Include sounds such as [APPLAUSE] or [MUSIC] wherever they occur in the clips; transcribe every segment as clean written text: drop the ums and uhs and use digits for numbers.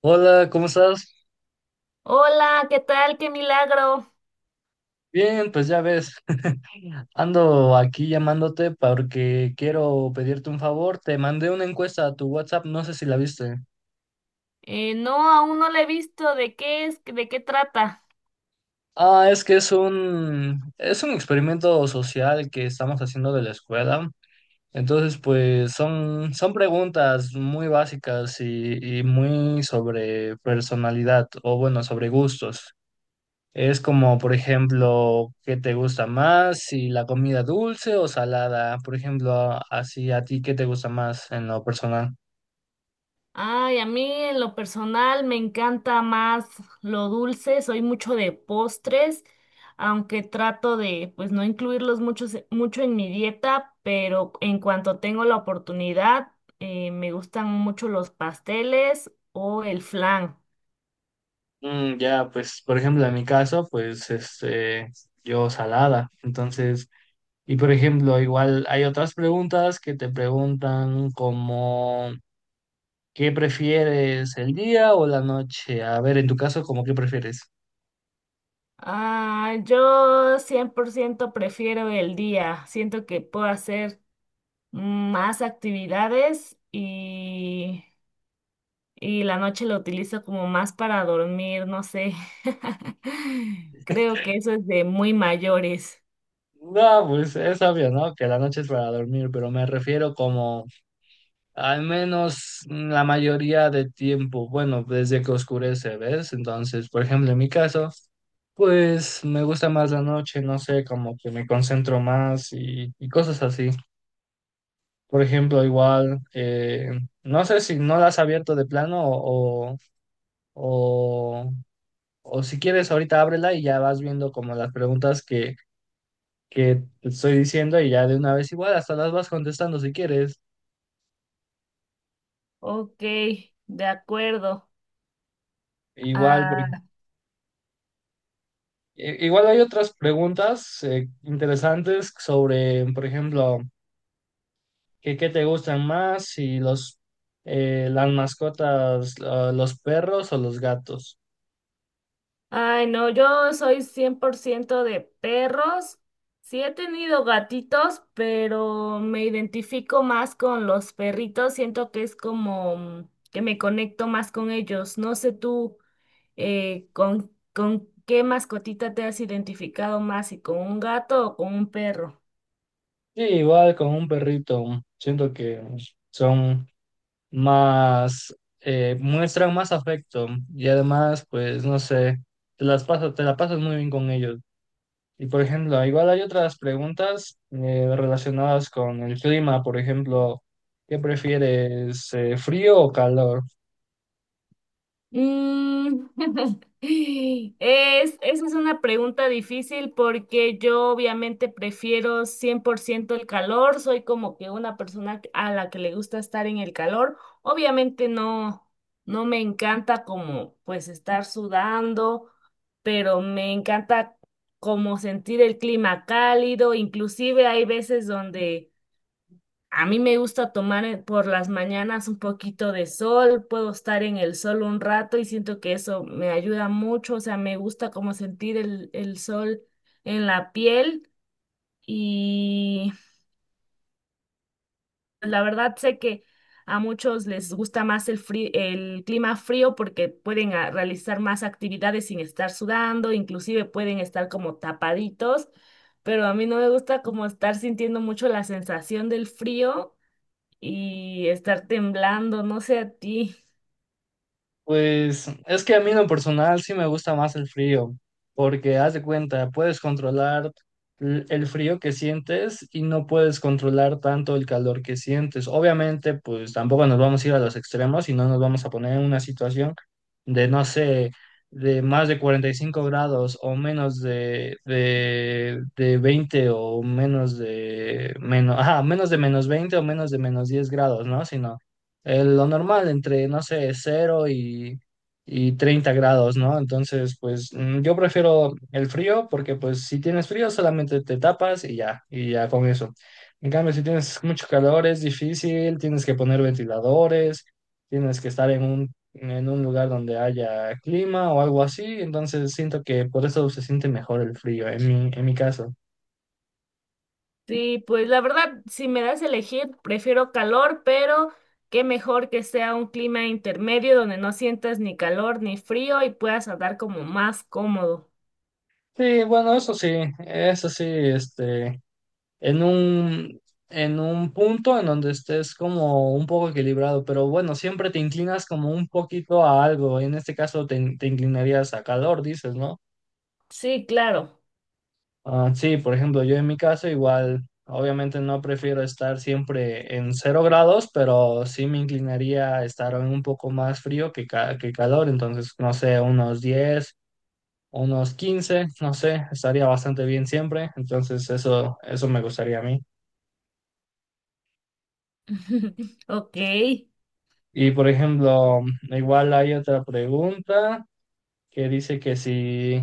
Hola, ¿cómo estás? Hola, ¿qué tal? ¡Qué milagro! Bien, pues ya ves, [LAUGHS] ando aquí llamándote porque quiero pedirte un favor. Te mandé una encuesta a tu WhatsApp, no sé si la viste. No, aún no la he visto. ¿De qué es? ¿De qué trata? Ah, es que es un experimento social que estamos haciendo de la escuela. Entonces, pues son preguntas muy básicas y muy sobre personalidad o bueno, sobre gustos. Es como, por ejemplo, ¿qué te gusta más? Si la comida dulce o salada, por ejemplo, así a ti, ¿qué te gusta más en lo personal? Ay, a mí en lo personal me encanta más lo dulce. Soy mucho de postres, aunque trato de, pues, no incluirlos mucho en mi dieta, pero en cuanto tengo la oportunidad, me gustan mucho los pasteles o el flan. Mm, ya, pues, por ejemplo, en mi caso, pues, yo salada. Entonces, y por ejemplo, igual hay otras preguntas que te preguntan como, ¿qué prefieres, el día o la noche? A ver, en tu caso, cómo, ¿qué prefieres? Ah, yo 100% prefiero el día. Siento que puedo hacer más actividades y la noche lo utilizo como más para dormir, no sé. [LAUGHS] Creo que eso es de muy mayores. No, pues es obvio, ¿no? Que la noche es para dormir, pero me refiero como al menos la mayoría del tiempo, bueno, desde que oscurece, ¿ves? Entonces, por ejemplo, en mi caso, pues me gusta más la noche, no sé, como que me concentro más y cosas así. Por ejemplo, igual, no sé si no la has abierto de plano o, o si quieres, ahorita ábrela y ya vas viendo como las preguntas que te estoy diciendo y ya de una vez igual, hasta las vas contestando si quieres. Ok, de acuerdo. Igual, Ah, Igual hay otras preguntas interesantes sobre, por ejemplo, qué te gustan más? Si las mascotas, los perros o los gatos. Ay, no, yo soy 100% de perros. Sí he tenido gatitos, pero me identifico más con los perritos. Siento que es como mm, que me conecto más con ellos. No sé tú. ¿Con qué mascotita te has identificado más? Y ¿con un gato o con un perro? Sí, igual con un perrito, siento que son más, muestran más afecto y además, pues, no sé, te la pasas muy bien con ellos. Y por ejemplo, igual hay otras preguntas relacionadas con el clima, por ejemplo, ¿qué prefieres, frío o calor? Mm, [LAUGHS] esa es una pregunta difícil porque yo obviamente prefiero 100% el calor, soy como que una persona a la que le gusta estar en el calor. Obviamente no, no me encanta como pues estar sudando, pero me encanta como sentir el clima cálido, inclusive hay veces donde a mí me gusta tomar por las mañanas un poquito de sol, puedo estar en el sol un rato y siento que eso me ayuda mucho, o sea, me gusta como sentir el sol en la piel y la verdad sé que a muchos les gusta más el el clima frío porque pueden realizar más actividades sin estar sudando, inclusive pueden estar como tapaditos, pero a mí no me gusta como estar sintiendo mucho la sensación del frío y estar temblando, no sé a ti. Pues es que a mí en lo personal sí me gusta más el frío, porque haz de cuenta, puedes controlar el frío que sientes y no puedes controlar tanto el calor que sientes. Obviamente, pues tampoco nos vamos a ir a los extremos y no nos vamos a poner en una situación de, no sé, de más de 45 grados o menos de 20 o menos de menos, ajá, menos de -20 o menos de -10 grados, ¿no? Sino lo normal, entre, no sé, cero y 30 grados, ¿no? Entonces, pues yo prefiero el frío porque pues si tienes frío solamente te tapas y ya con eso. En cambio, si tienes mucho calor es difícil, tienes que poner ventiladores, tienes que estar en en un lugar donde haya clima o algo así, entonces siento que por eso se siente mejor el frío en en mi caso. Sí, pues la verdad, si me das a elegir, prefiero calor, pero qué mejor que sea un clima intermedio donde no sientas ni calor ni frío y puedas andar como más cómodo. Sí, bueno, eso sí, en en un punto en donde estés como un poco equilibrado, pero bueno, siempre te inclinas como un poquito a algo. En este caso te inclinarías a calor, dices, ¿no? Sí, claro. Ah, sí, por ejemplo, yo en mi caso igual, obviamente no prefiero estar siempre en 0 grados, pero sí me inclinaría a estar en un poco más frío que calor, entonces, no sé, unos 10, unos 15, no sé, estaría bastante bien siempre, entonces eso me gustaría a mí. [LAUGHS] Ok. Y por ejemplo, igual hay otra pregunta que dice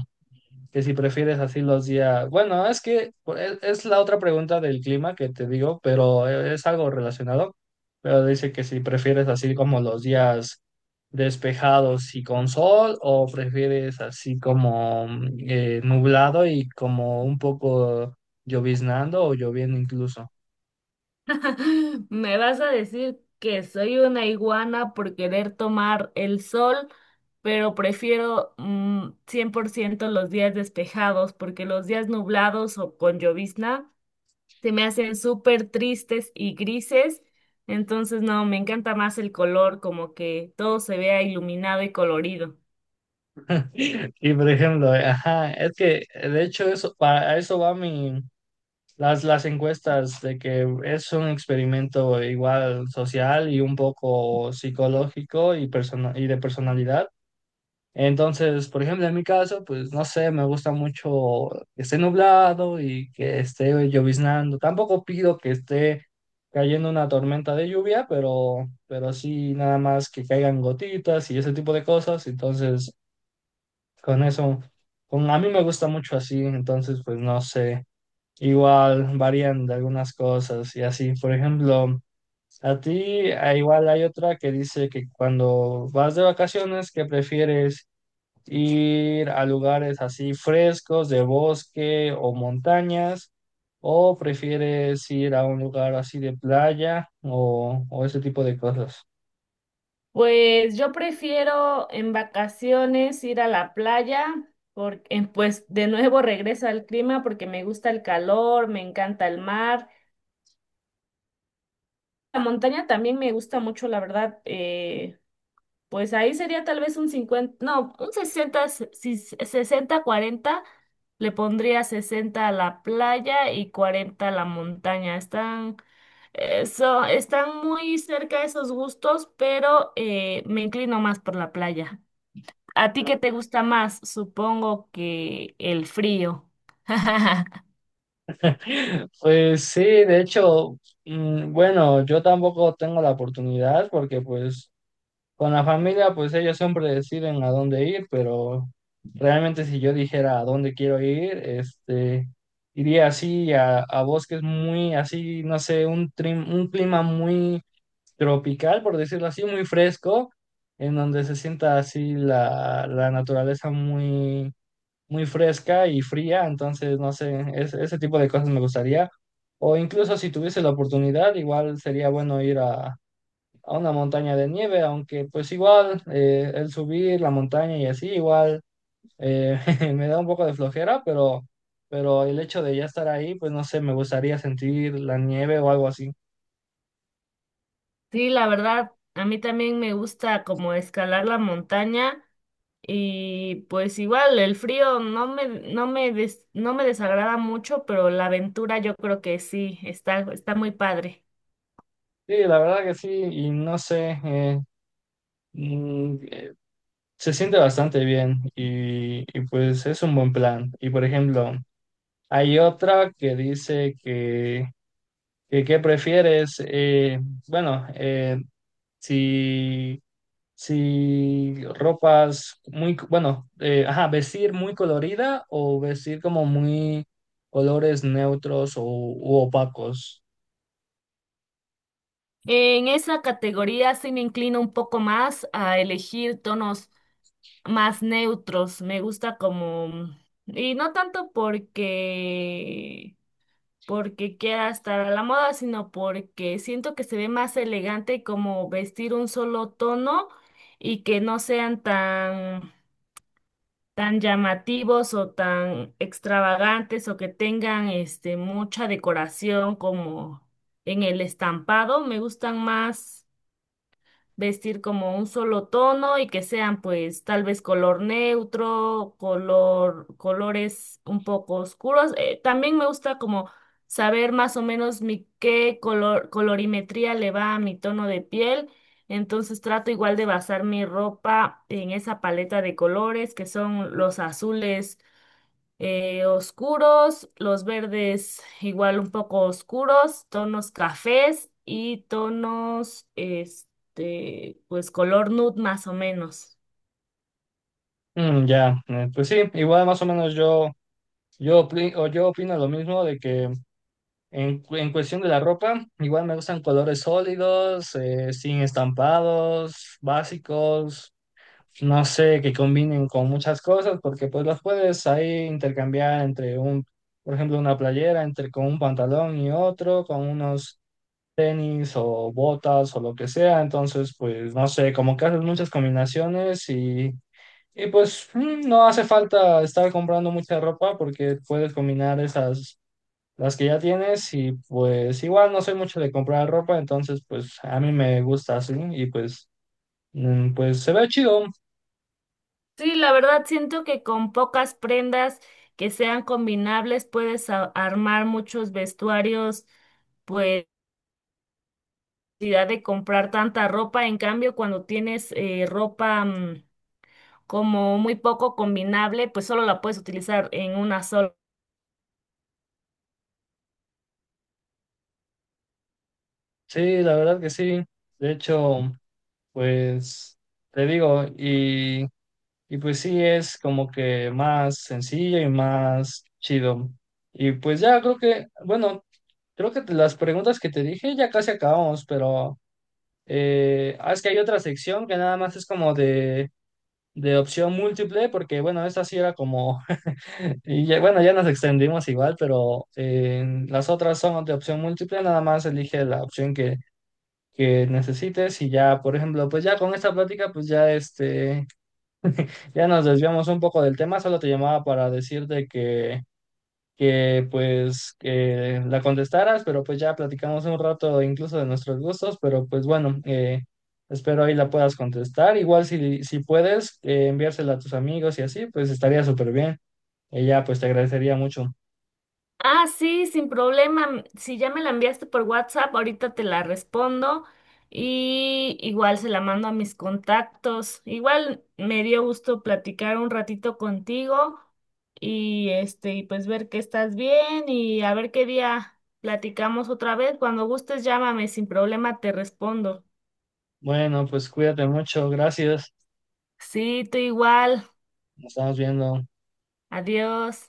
que si prefieres así los días. Bueno, es que es la otra pregunta del clima que te digo, pero es algo relacionado. Pero dice que si prefieres así como los días despejados y con sol, o prefieres así como nublado y como un poco lloviznando o lloviendo incluso. [LAUGHS] ¿Me vas a decir que soy una iguana por querer tomar el sol? Pero prefiero mm, 100% los días despejados porque los días nublados o con llovizna se me hacen súper tristes y grises, entonces no, me encanta más el color, como que todo se vea iluminado y colorido. [LAUGHS] Y por ejemplo, ajá, es que de hecho eso, para a eso va mi. Las encuestas de que es un experimento igual social y un poco psicológico y de personalidad. Entonces, por ejemplo, en mi caso, pues no sé, me gusta mucho que esté nublado y que esté lloviznando. Tampoco pido que esté cayendo una tormenta de lluvia, pero sí nada más que caigan gotitas y ese tipo de cosas. Entonces, con eso, a mí me gusta mucho así. Entonces, pues no sé. Igual varían de algunas cosas y así. Por ejemplo, a ti, igual hay otra que dice que cuando vas de vacaciones que prefieres ir a lugares así frescos, de bosque o montañas, o prefieres ir a un lugar así de playa o ese tipo de cosas. Pues yo prefiero en vacaciones ir a la playa, porque pues de nuevo regreso al clima porque me gusta el calor, me encanta el mar. La montaña también me gusta mucho, la verdad. Pues ahí sería tal vez un 50, no, un 60, 60-40. Le pondría 60 a la playa y 40 a la montaña. Están muy cerca esos gustos, pero me inclino más por la playa. ¿A ti qué te [LAUGHS] gusta más? Supongo que el frío. [LAUGHS] Pues sí, de hecho, bueno, yo tampoco tengo la oportunidad porque pues con la familia, pues ellos siempre deciden a dónde ir, pero realmente si yo dijera a dónde quiero ir, iría así a bosques muy así, no sé, un clima muy tropical, por decirlo así, muy fresco, en donde se sienta así la naturaleza muy, muy fresca y fría, entonces, no sé, ese tipo de cosas me gustaría. O incluso si tuviese la oportunidad, igual sería bueno ir a una montaña de nieve, aunque pues igual el subir la montaña y así igual eh, [LAUGHS] me da un poco de flojera, pero el hecho de ya estar ahí, pues no sé, me gustaría sentir la nieve o algo así. Sí, la verdad, a mí también me gusta como escalar la montaña, y pues igual el frío no me desagrada mucho, pero la aventura yo creo que sí, está muy padre. Sí, la verdad que sí, y no sé, mm, eh, se siente bastante bien y pues es un buen plan. Y por ejemplo, hay otra que dice que, ¿qué prefieres? Bueno, si si ropas muy, bueno, ajá, vestir muy colorida o vestir como muy colores neutros o u opacos. En esa categoría sí me inclino un poco más a elegir tonos más neutros. Me gusta como, y no tanto porque, porque quiera estar a la moda, sino porque siento que se ve más elegante como vestir un solo tono y que no sean tan llamativos o tan extravagantes o que tengan este mucha decoración como en el estampado, me gustan más vestir como un solo tono y que sean pues tal vez color neutro, color, colores un poco oscuros. También me gusta como saber más o menos mi qué color, colorimetría le va a mi tono de piel. Entonces trato igual de basar mi ropa en esa paleta de colores que son los azules oscuros, los verdes igual un poco oscuros, tonos cafés y tonos, este, pues color nude más o menos. Mm, ya, pues sí, igual más o menos yo, yo, opri- o yo opino lo mismo de que en cuestión de la ropa, igual me gustan colores sólidos, sin estampados, básicos. No sé, que combinen con muchas cosas, porque pues las puedes ahí intercambiar entre un, por ejemplo, una playera, entre con un pantalón y otro, con unos tenis o botas o lo que sea. Entonces, pues no sé, como que haces muchas combinaciones y pues no hace falta estar comprando mucha ropa porque puedes combinar esas. Las que ya tienes y pues igual no soy mucho de comprar ropa, entonces pues a mí me gusta así y pues pues se ve chido. Sí, la verdad siento que con pocas prendas que sean combinables puedes armar muchos vestuarios, pues, sin necesidad de comprar tanta ropa. En cambio, cuando tienes ropa mm, como muy poco combinable, pues solo la puedes utilizar en una sola. Sí, la verdad que sí. De hecho, pues te digo, y pues sí es como que más sencillo y más chido. Y pues ya creo que, bueno, creo que las preguntas que te dije ya casi acabamos, pero es que hay otra sección que nada más es como de opción múltiple, porque bueno, esta sí era como, [LAUGHS] bueno, ya nos extendimos igual, pero las otras son de opción múltiple, nada más elige la opción que necesites y ya, por ejemplo, pues ya con esta plática, pues ya ya nos desviamos un poco del tema, solo te llamaba para decirte que pues que la contestaras, pero pues ya platicamos un rato incluso de nuestros gustos, pero pues bueno, espero ahí la puedas contestar, igual si puedes enviársela a tus amigos y así, pues estaría súper bien, ella pues te agradecería mucho. Ah, sí, sin problema. Si ya me la enviaste por WhatsApp, ahorita te la respondo y igual se la mando a mis contactos. Igual me dio gusto platicar un ratito contigo y este, y pues ver que estás bien y a ver qué día platicamos otra vez. Cuando gustes, llámame, sin problema te respondo. Bueno, pues cuídate mucho, gracias, Sí, tú igual. nos estamos viendo. Adiós.